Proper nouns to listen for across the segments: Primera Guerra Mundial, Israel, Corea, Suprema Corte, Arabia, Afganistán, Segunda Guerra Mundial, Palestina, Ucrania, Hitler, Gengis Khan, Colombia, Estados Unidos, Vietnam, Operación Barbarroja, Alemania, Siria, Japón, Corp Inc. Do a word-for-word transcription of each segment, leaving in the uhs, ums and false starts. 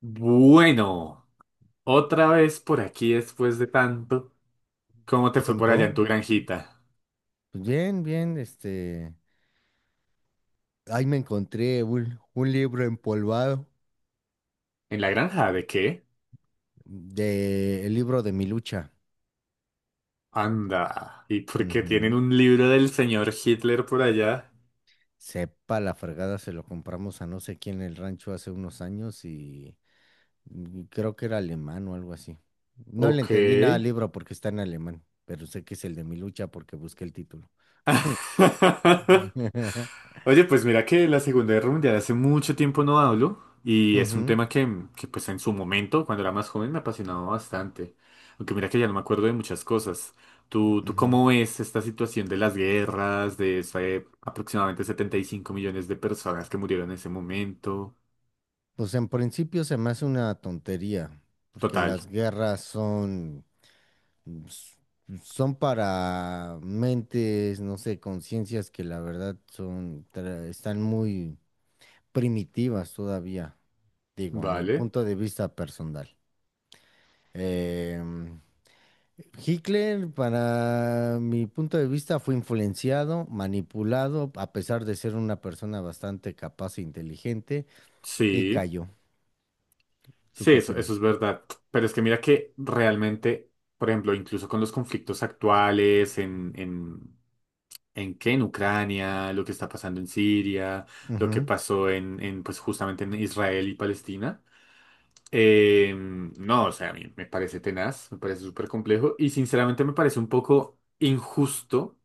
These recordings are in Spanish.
Bueno, otra vez por aquí después de tanto. ¿Cómo te fue por allá en Tiempo. tu granjita? Pues bien, bien, este. Ahí me encontré un, un libro empolvado ¿En la granja de qué? de el libro de mi lucha. Anda. ¿Y por qué tienen Ujú. un libro del señor Hitler por allá? Sepa la fregada, se lo compramos a no sé quién en el rancho hace unos años y mm, y creo que era alemán o algo así. No le Ok. entendí nada al libro porque está en alemán, pero sé que es el de mi lucha porque busqué el título. Oye, pues mira que la Segunda Guerra Mundial hace mucho tiempo no hablo y es un Ujú, tema que, que, pues en su momento, cuando era más joven, me apasionaba bastante. Aunque mira que ya no me acuerdo de muchas cosas. ¿Tú, tú ujú. cómo ves esta situación de las guerras, de esa, eh, aproximadamente setenta y cinco millones de personas que murieron en ese momento? Pues en principio se me hace una tontería, porque Total. las guerras son s- son para mentes, no sé, conciencias que la verdad son, tra- están muy primitivas todavía, digo, a mi Vale. punto de vista personal. Em, Hitler, para mi punto de vista, fue influenciado, manipulado, a pesar de ser una persona bastante capaz e inteligente, y Sí. cayó. ¿Tú Sí, qué eso, eso es opinas? verdad. Pero es que mira que realmente, por ejemplo, incluso con los conflictos actuales en, en, en qué, en Ucrania, lo que está pasando en Siria, lo que Ujú. pasó en, en pues justamente en Israel y Palestina. Eh, no, o sea, a mí me parece tenaz, me parece súper complejo y sinceramente me parece un poco injusto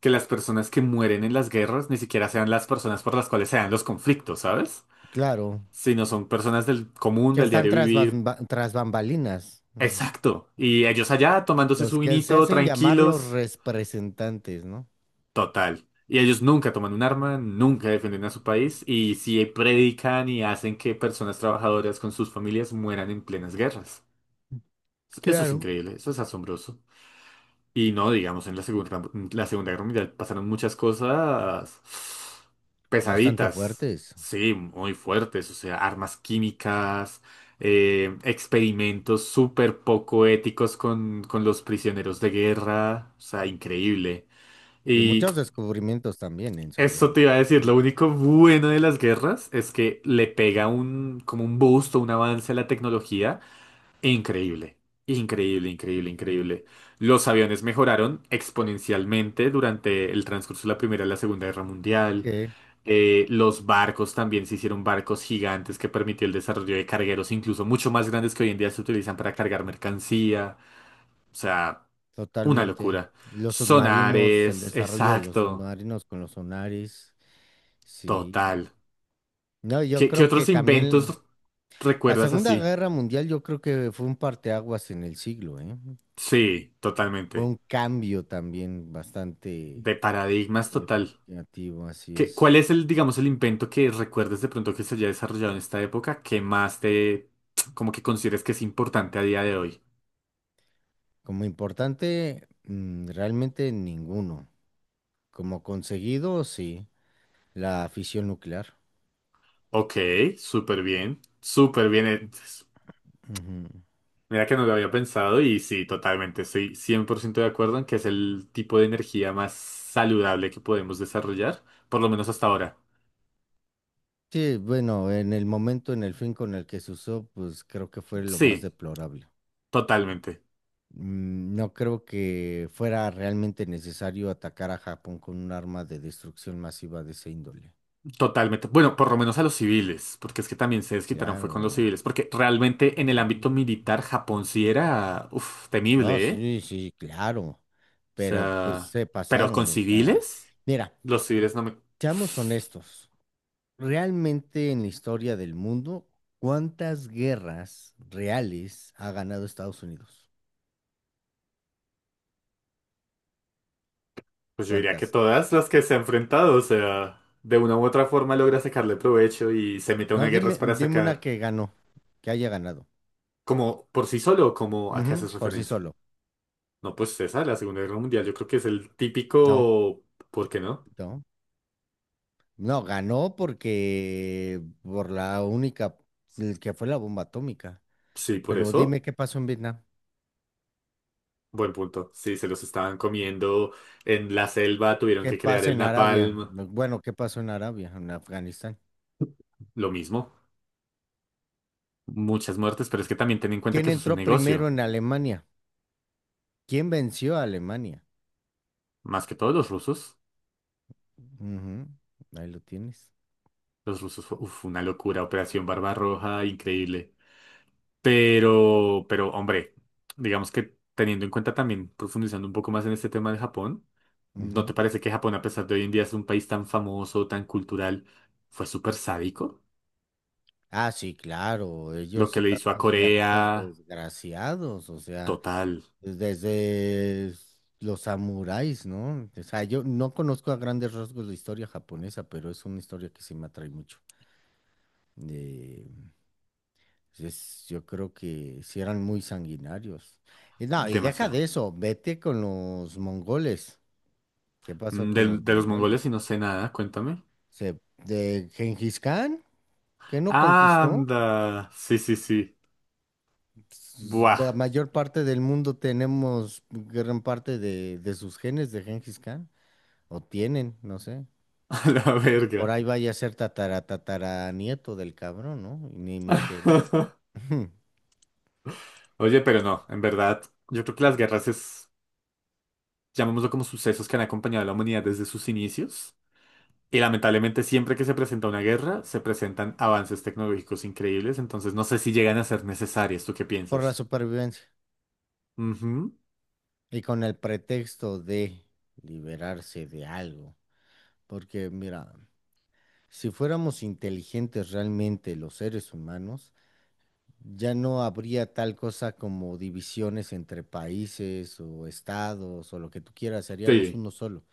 que las personas que mueren en las guerras ni siquiera sean las personas por las cuales se dan los conflictos, ¿sabes? Claro, Sino son personas del común, que del están diario tras, vivir. bas- ba- tras bambalinas. Exacto. Y ellos allá tomándose Los su que se vinito, hacen llamar los tranquilos, representantes, ¿no? total. Y ellos nunca toman un arma, nunca defienden a su país y sí predican y hacen que personas trabajadoras con sus familias mueran en plenas guerras. Eso es Claro. increíble, eso es asombroso. Y no, digamos, en la Segunda, en la Segunda Guerra Mundial pasaron muchas cosas Bastante pesaditas, fuertes. sí, muy fuertes, o sea, armas químicas, eh, experimentos súper poco éticos con, con los prisioneros de guerra, o sea, increíble. Y Y muchos descubrimientos también en su eso web. te iba a decir, lo Momento. único bueno de las guerras es que le pega un, como un boost o un avance a la tecnología. Increíble, increíble, increíble, Ujú. increíble. Los aviones mejoraron exponencialmente durante el transcurso de la Primera y la Segunda Guerra Mundial. Sí, Eh, los barcos también se hicieron barcos gigantes que permitió el desarrollo de cargueros incluso mucho más grandes que hoy en día se utilizan para cargar mercancía. O sea, una totalmente. locura. Los submarinos, el Sonares, desarrollo de los exacto, submarinos con los sonares. Sí. total. No, yo ¿Qué, qué creo que otros también inventos la recuerdas Segunda así? Guerra Mundial, yo creo que fue un parteaguas en el siglo, ¿eh? Sí, Fue totalmente. un cambio también bastante De paradigmas total. significativo, así ¿Qué- es. cuál es el, digamos, el invento que recuerdes de pronto que se haya desarrollado en esta época que más te, como que consideres que es importante a día de hoy? Como importante, mm, realmente ninguno. Como conseguido, sí, la fisión nuclear. Ok, súper bien, súper bien. eh, Ujú. Mira que no lo había pensado y sí, totalmente, estoy cien por ciento de acuerdo en que es el tipo de energía más saludable que podemos desarrollar, por lo menos hasta ahora. Sí, bueno, en el momento, en el fin con el que se usó, pues creo que fue lo más Sí, deplorable. totalmente, Mm, No creo que fuera realmente necesario atacar a Japón con un arma de destrucción masiva de ese índole. totalmente. Bueno, por lo menos a los civiles, porque es que también se desquitaron fue con los Claro. civiles, porque realmente en el Sí. ámbito militar Japón sí era, uf, No, temible, ¿eh? sí, sí, claro. O Pero pues sea, se ¿pero con pasaron, o sea, civiles? mira, Los civiles no me... seamos honestos. Realmente en la historia del mundo, ¿cuántas guerras reales ha ganado Estados Unidos? Pues yo diría que ¿Cuántas? todas las que se ha enfrentado, o sea, de una u otra forma logra sacarle provecho y se mete a No, una guerra dime, es para dime una sacar, que ganó, que haya ganado. como por sí solo, como a qué Ujú, haces por sí referencia. solo. No, pues esa, la Segunda Guerra Mundial, yo creo que es el No, típico, ¿por qué no? no. No, ganó porque por la única, el que fue la bomba atómica. Sí, por Pero dime eso. qué pasó en Vietnam, Buen punto. Sí, se los estaban comiendo en la selva, tuvieron qué que crear pasa el en Arabia. napalm, Bueno, ¿qué pasó en Arabia, en Afganistán? lo mismo. Muchas muertes, pero es que también ten en cuenta ¿Quién que eso es un entró primero negocio. en Alemania? ¿Quién venció a Alemania? Más que todos los rusos. Ujú, ahí lo tienes. Los rusos fue uf, una locura, Operación Barbarroja, increíble. Pero, pero, hombre, digamos que teniendo en cuenta también, profundizando un poco más en este tema de Japón, ¿no Ujú. te parece que Japón, a pesar de hoy en día es un país tan famoso, tan cultural, fue súper sádico? Ah, sí, claro, Lo ellos que le eran hizo a los guerreros Corea, desgraciados, o sea, total, desde los samuráis, ¿no? O sea, yo no conozco a grandes rasgos la historia japonesa, pero es una historia que sí me atrae mucho. Eh, es- yo creo que sí eran muy sanguinarios. Y no, y deja de demasiado. eso, vete con los mongoles. ¿Qué pasó Mm, con De, los de los mongoles y mongoles? no sé nada, cuéntame. Se, ¿de Gengis Khan, que no conquistó? Anda, sí, sí, sí. La Buah, mayor parte del mundo tenemos gran parte de, de sus genes de Gengis Khan, o tienen, no sé. a la Por verga. ahí vaya a ser tatara, tatara nieto del cabrón, ¿no? Y ni me enteré. Oye, pero no, en verdad, yo creo que las guerras es, llamémoslo como sucesos que han acompañado a la humanidad desde sus inicios. Y lamentablemente siempre que se presenta una guerra, se presentan avances tecnológicos increíbles, entonces no sé si llegan a ser necesarias. ¿Tú qué Por la piensas? supervivencia. Ujú. Y con el pretexto de liberarse de algo. Porque, mira, si fuéramos inteligentes realmente los seres humanos, ya no habría tal cosa como divisiones entre países o estados o lo que tú quieras, seríamos Sí, uno solo.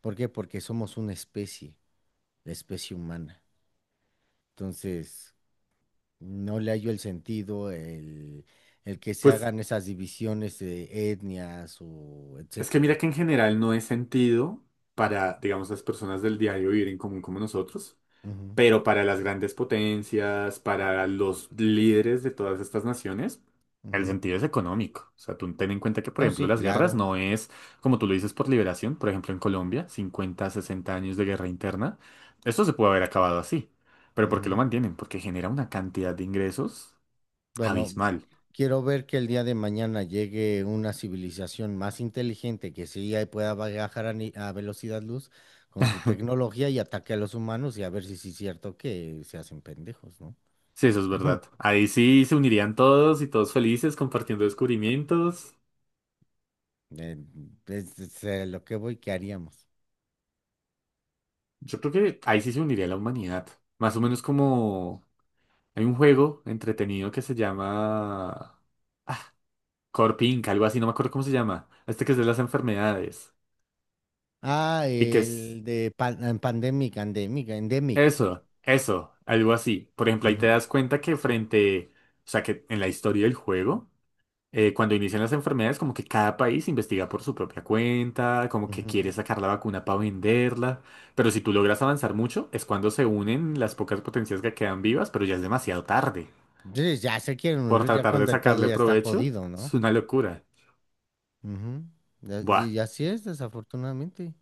¿Por qué? Porque somos una especie, la especie humana. Entonces, no le hallo el sentido, el, el que se pues hagan esas divisiones de etnias o es que etcétera. mira que en general no es sentido para, digamos, las personas del diario vivir en común como nosotros, Ujú, pero para las grandes potencias, para los líderes de todas estas naciones, el ujú. sentido es económico. O sea, tú ten en cuenta que, por No, ejemplo, sí, las guerras claro. no es, como tú lo dices, por liberación. Por ejemplo, en Colombia, cincuenta, sesenta años de guerra interna. Esto se puede haber acabado así. Pero ¿por qué lo Ujú. mantienen? Porque genera una cantidad de ingresos Bueno, abismal. quiero ver que el día de mañana llegue una civilización más inteligente que sí ahí pueda viajar a, ni- a velocidad luz con su tecnología y ataque a los humanos y a ver si sí es cierto que se hacen pendejos, ¿no? Sí, eso es verdad. Ahí sí se unirían todos y todos felices compartiendo descubrimientos. Eh, es, es, eh, lo que voy, ¿qué haríamos? Yo creo que ahí sí se uniría la humanidad. Más o menos como hay un juego entretenido que se llama Corp Inc, algo así, no me acuerdo cómo se llama. Este que es de las enfermedades. Ah, Y que es el de pan- eh, pandemic, endemic, endemic. eso, eso, algo así. Por ejemplo, ahí te Ujú, das cuenta que frente, o sea, que en la historia del juego, eh, cuando inician las enfermedades, como que cada país investiga por su propia cuenta, como que ujú. quiere sacar la vacuna para venderla. Pero si tú logras avanzar mucho, es cuando se unen las pocas potencias que quedan vivas, pero ya es demasiado tarde. Sí, ya se quieren Por unir ya tratar de cuando el pedo sacarle ya está provecho, jodido, es ¿no? una locura. Ujú. Ya- Y, Buah. y así es, desafortunadamente.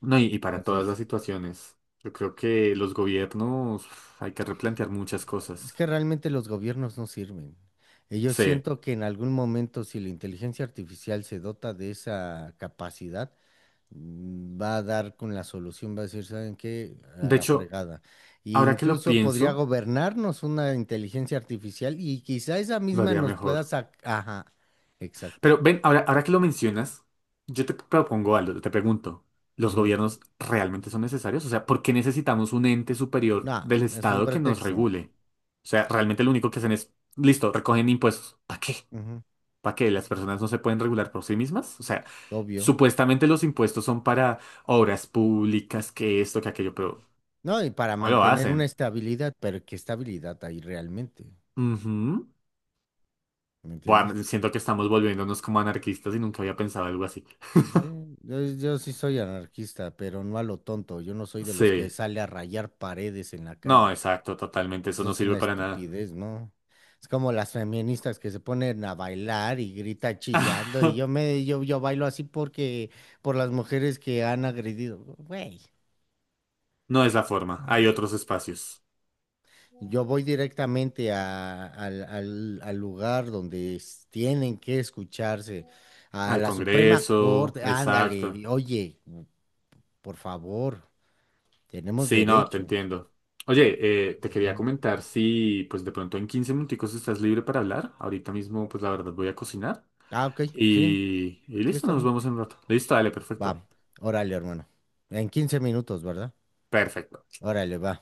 No, y, y para todas Entonces, las situaciones. Yo creo que los gobiernos uf, hay que replantear muchas es cosas. que realmente los gobiernos no sirven. Y yo Sí. siento que en algún momento, si la inteligencia artificial se dota de esa capacidad, mm, va a dar con la solución, va a decir, ¿saben qué? A De la hecho, fregada. E ahora que lo incluso podría pienso, gobernarnos una inteligencia artificial y quizá esa lo misma haría nos pueda mejor. sacar. Ajá, exacto. Pero ven, ahora, ahora que lo mencionas, yo te propongo algo, te pregunto, ¿los Ujú. gobiernos realmente son necesarios? O sea, ¿por qué necesitamos un ente No, superior del es un Estado que nos pretexto. regule? O sea, realmente lo único que hacen es, listo, recogen impuestos. ¿Para qué? Ujú. Para que las personas no se pueden regular por sí mismas. O sea, Obvio. supuestamente los impuestos son para obras públicas, que esto, que aquello, pero No, y para no lo mantener una hacen. estabilidad, pero ¿qué estabilidad hay realmente? Ujú. ¿Me Buah, entiendes? siento que estamos volviéndonos como anarquistas y nunca había pensado algo así. Sí, yo, yo sí soy anarquista, pero no a lo tonto. Yo no soy de los que Sí. sale a rayar paredes en la No, calle. exacto, totalmente. Eso Eso no es sirve una para nada. estupidez, ¿no? Es como las feministas que se ponen a bailar y grita chillando y yo me yo yo bailo así porque por las mujeres que han agredido, güey. No es la forma. Hay otros espacios. Yo voy directamente a- al, al- al lugar donde es- tienen que escucharse, a Al la Suprema Congreso, Corte, exacto. ándale, oye, por favor, tenemos Sí, no, te derechos. entiendo. Oye, eh, te quería Ujú. comentar si pues de pronto en quince minuticos estás libre para hablar. Ahorita mismo pues la verdad voy a cocinar Ah, ok, sí, y, y sí listo, está nos bien. vemos en un rato. Listo, dale, perfecto. Va, órale, hermano. En quince minutos, ¿verdad? Perfecto. Órale, va.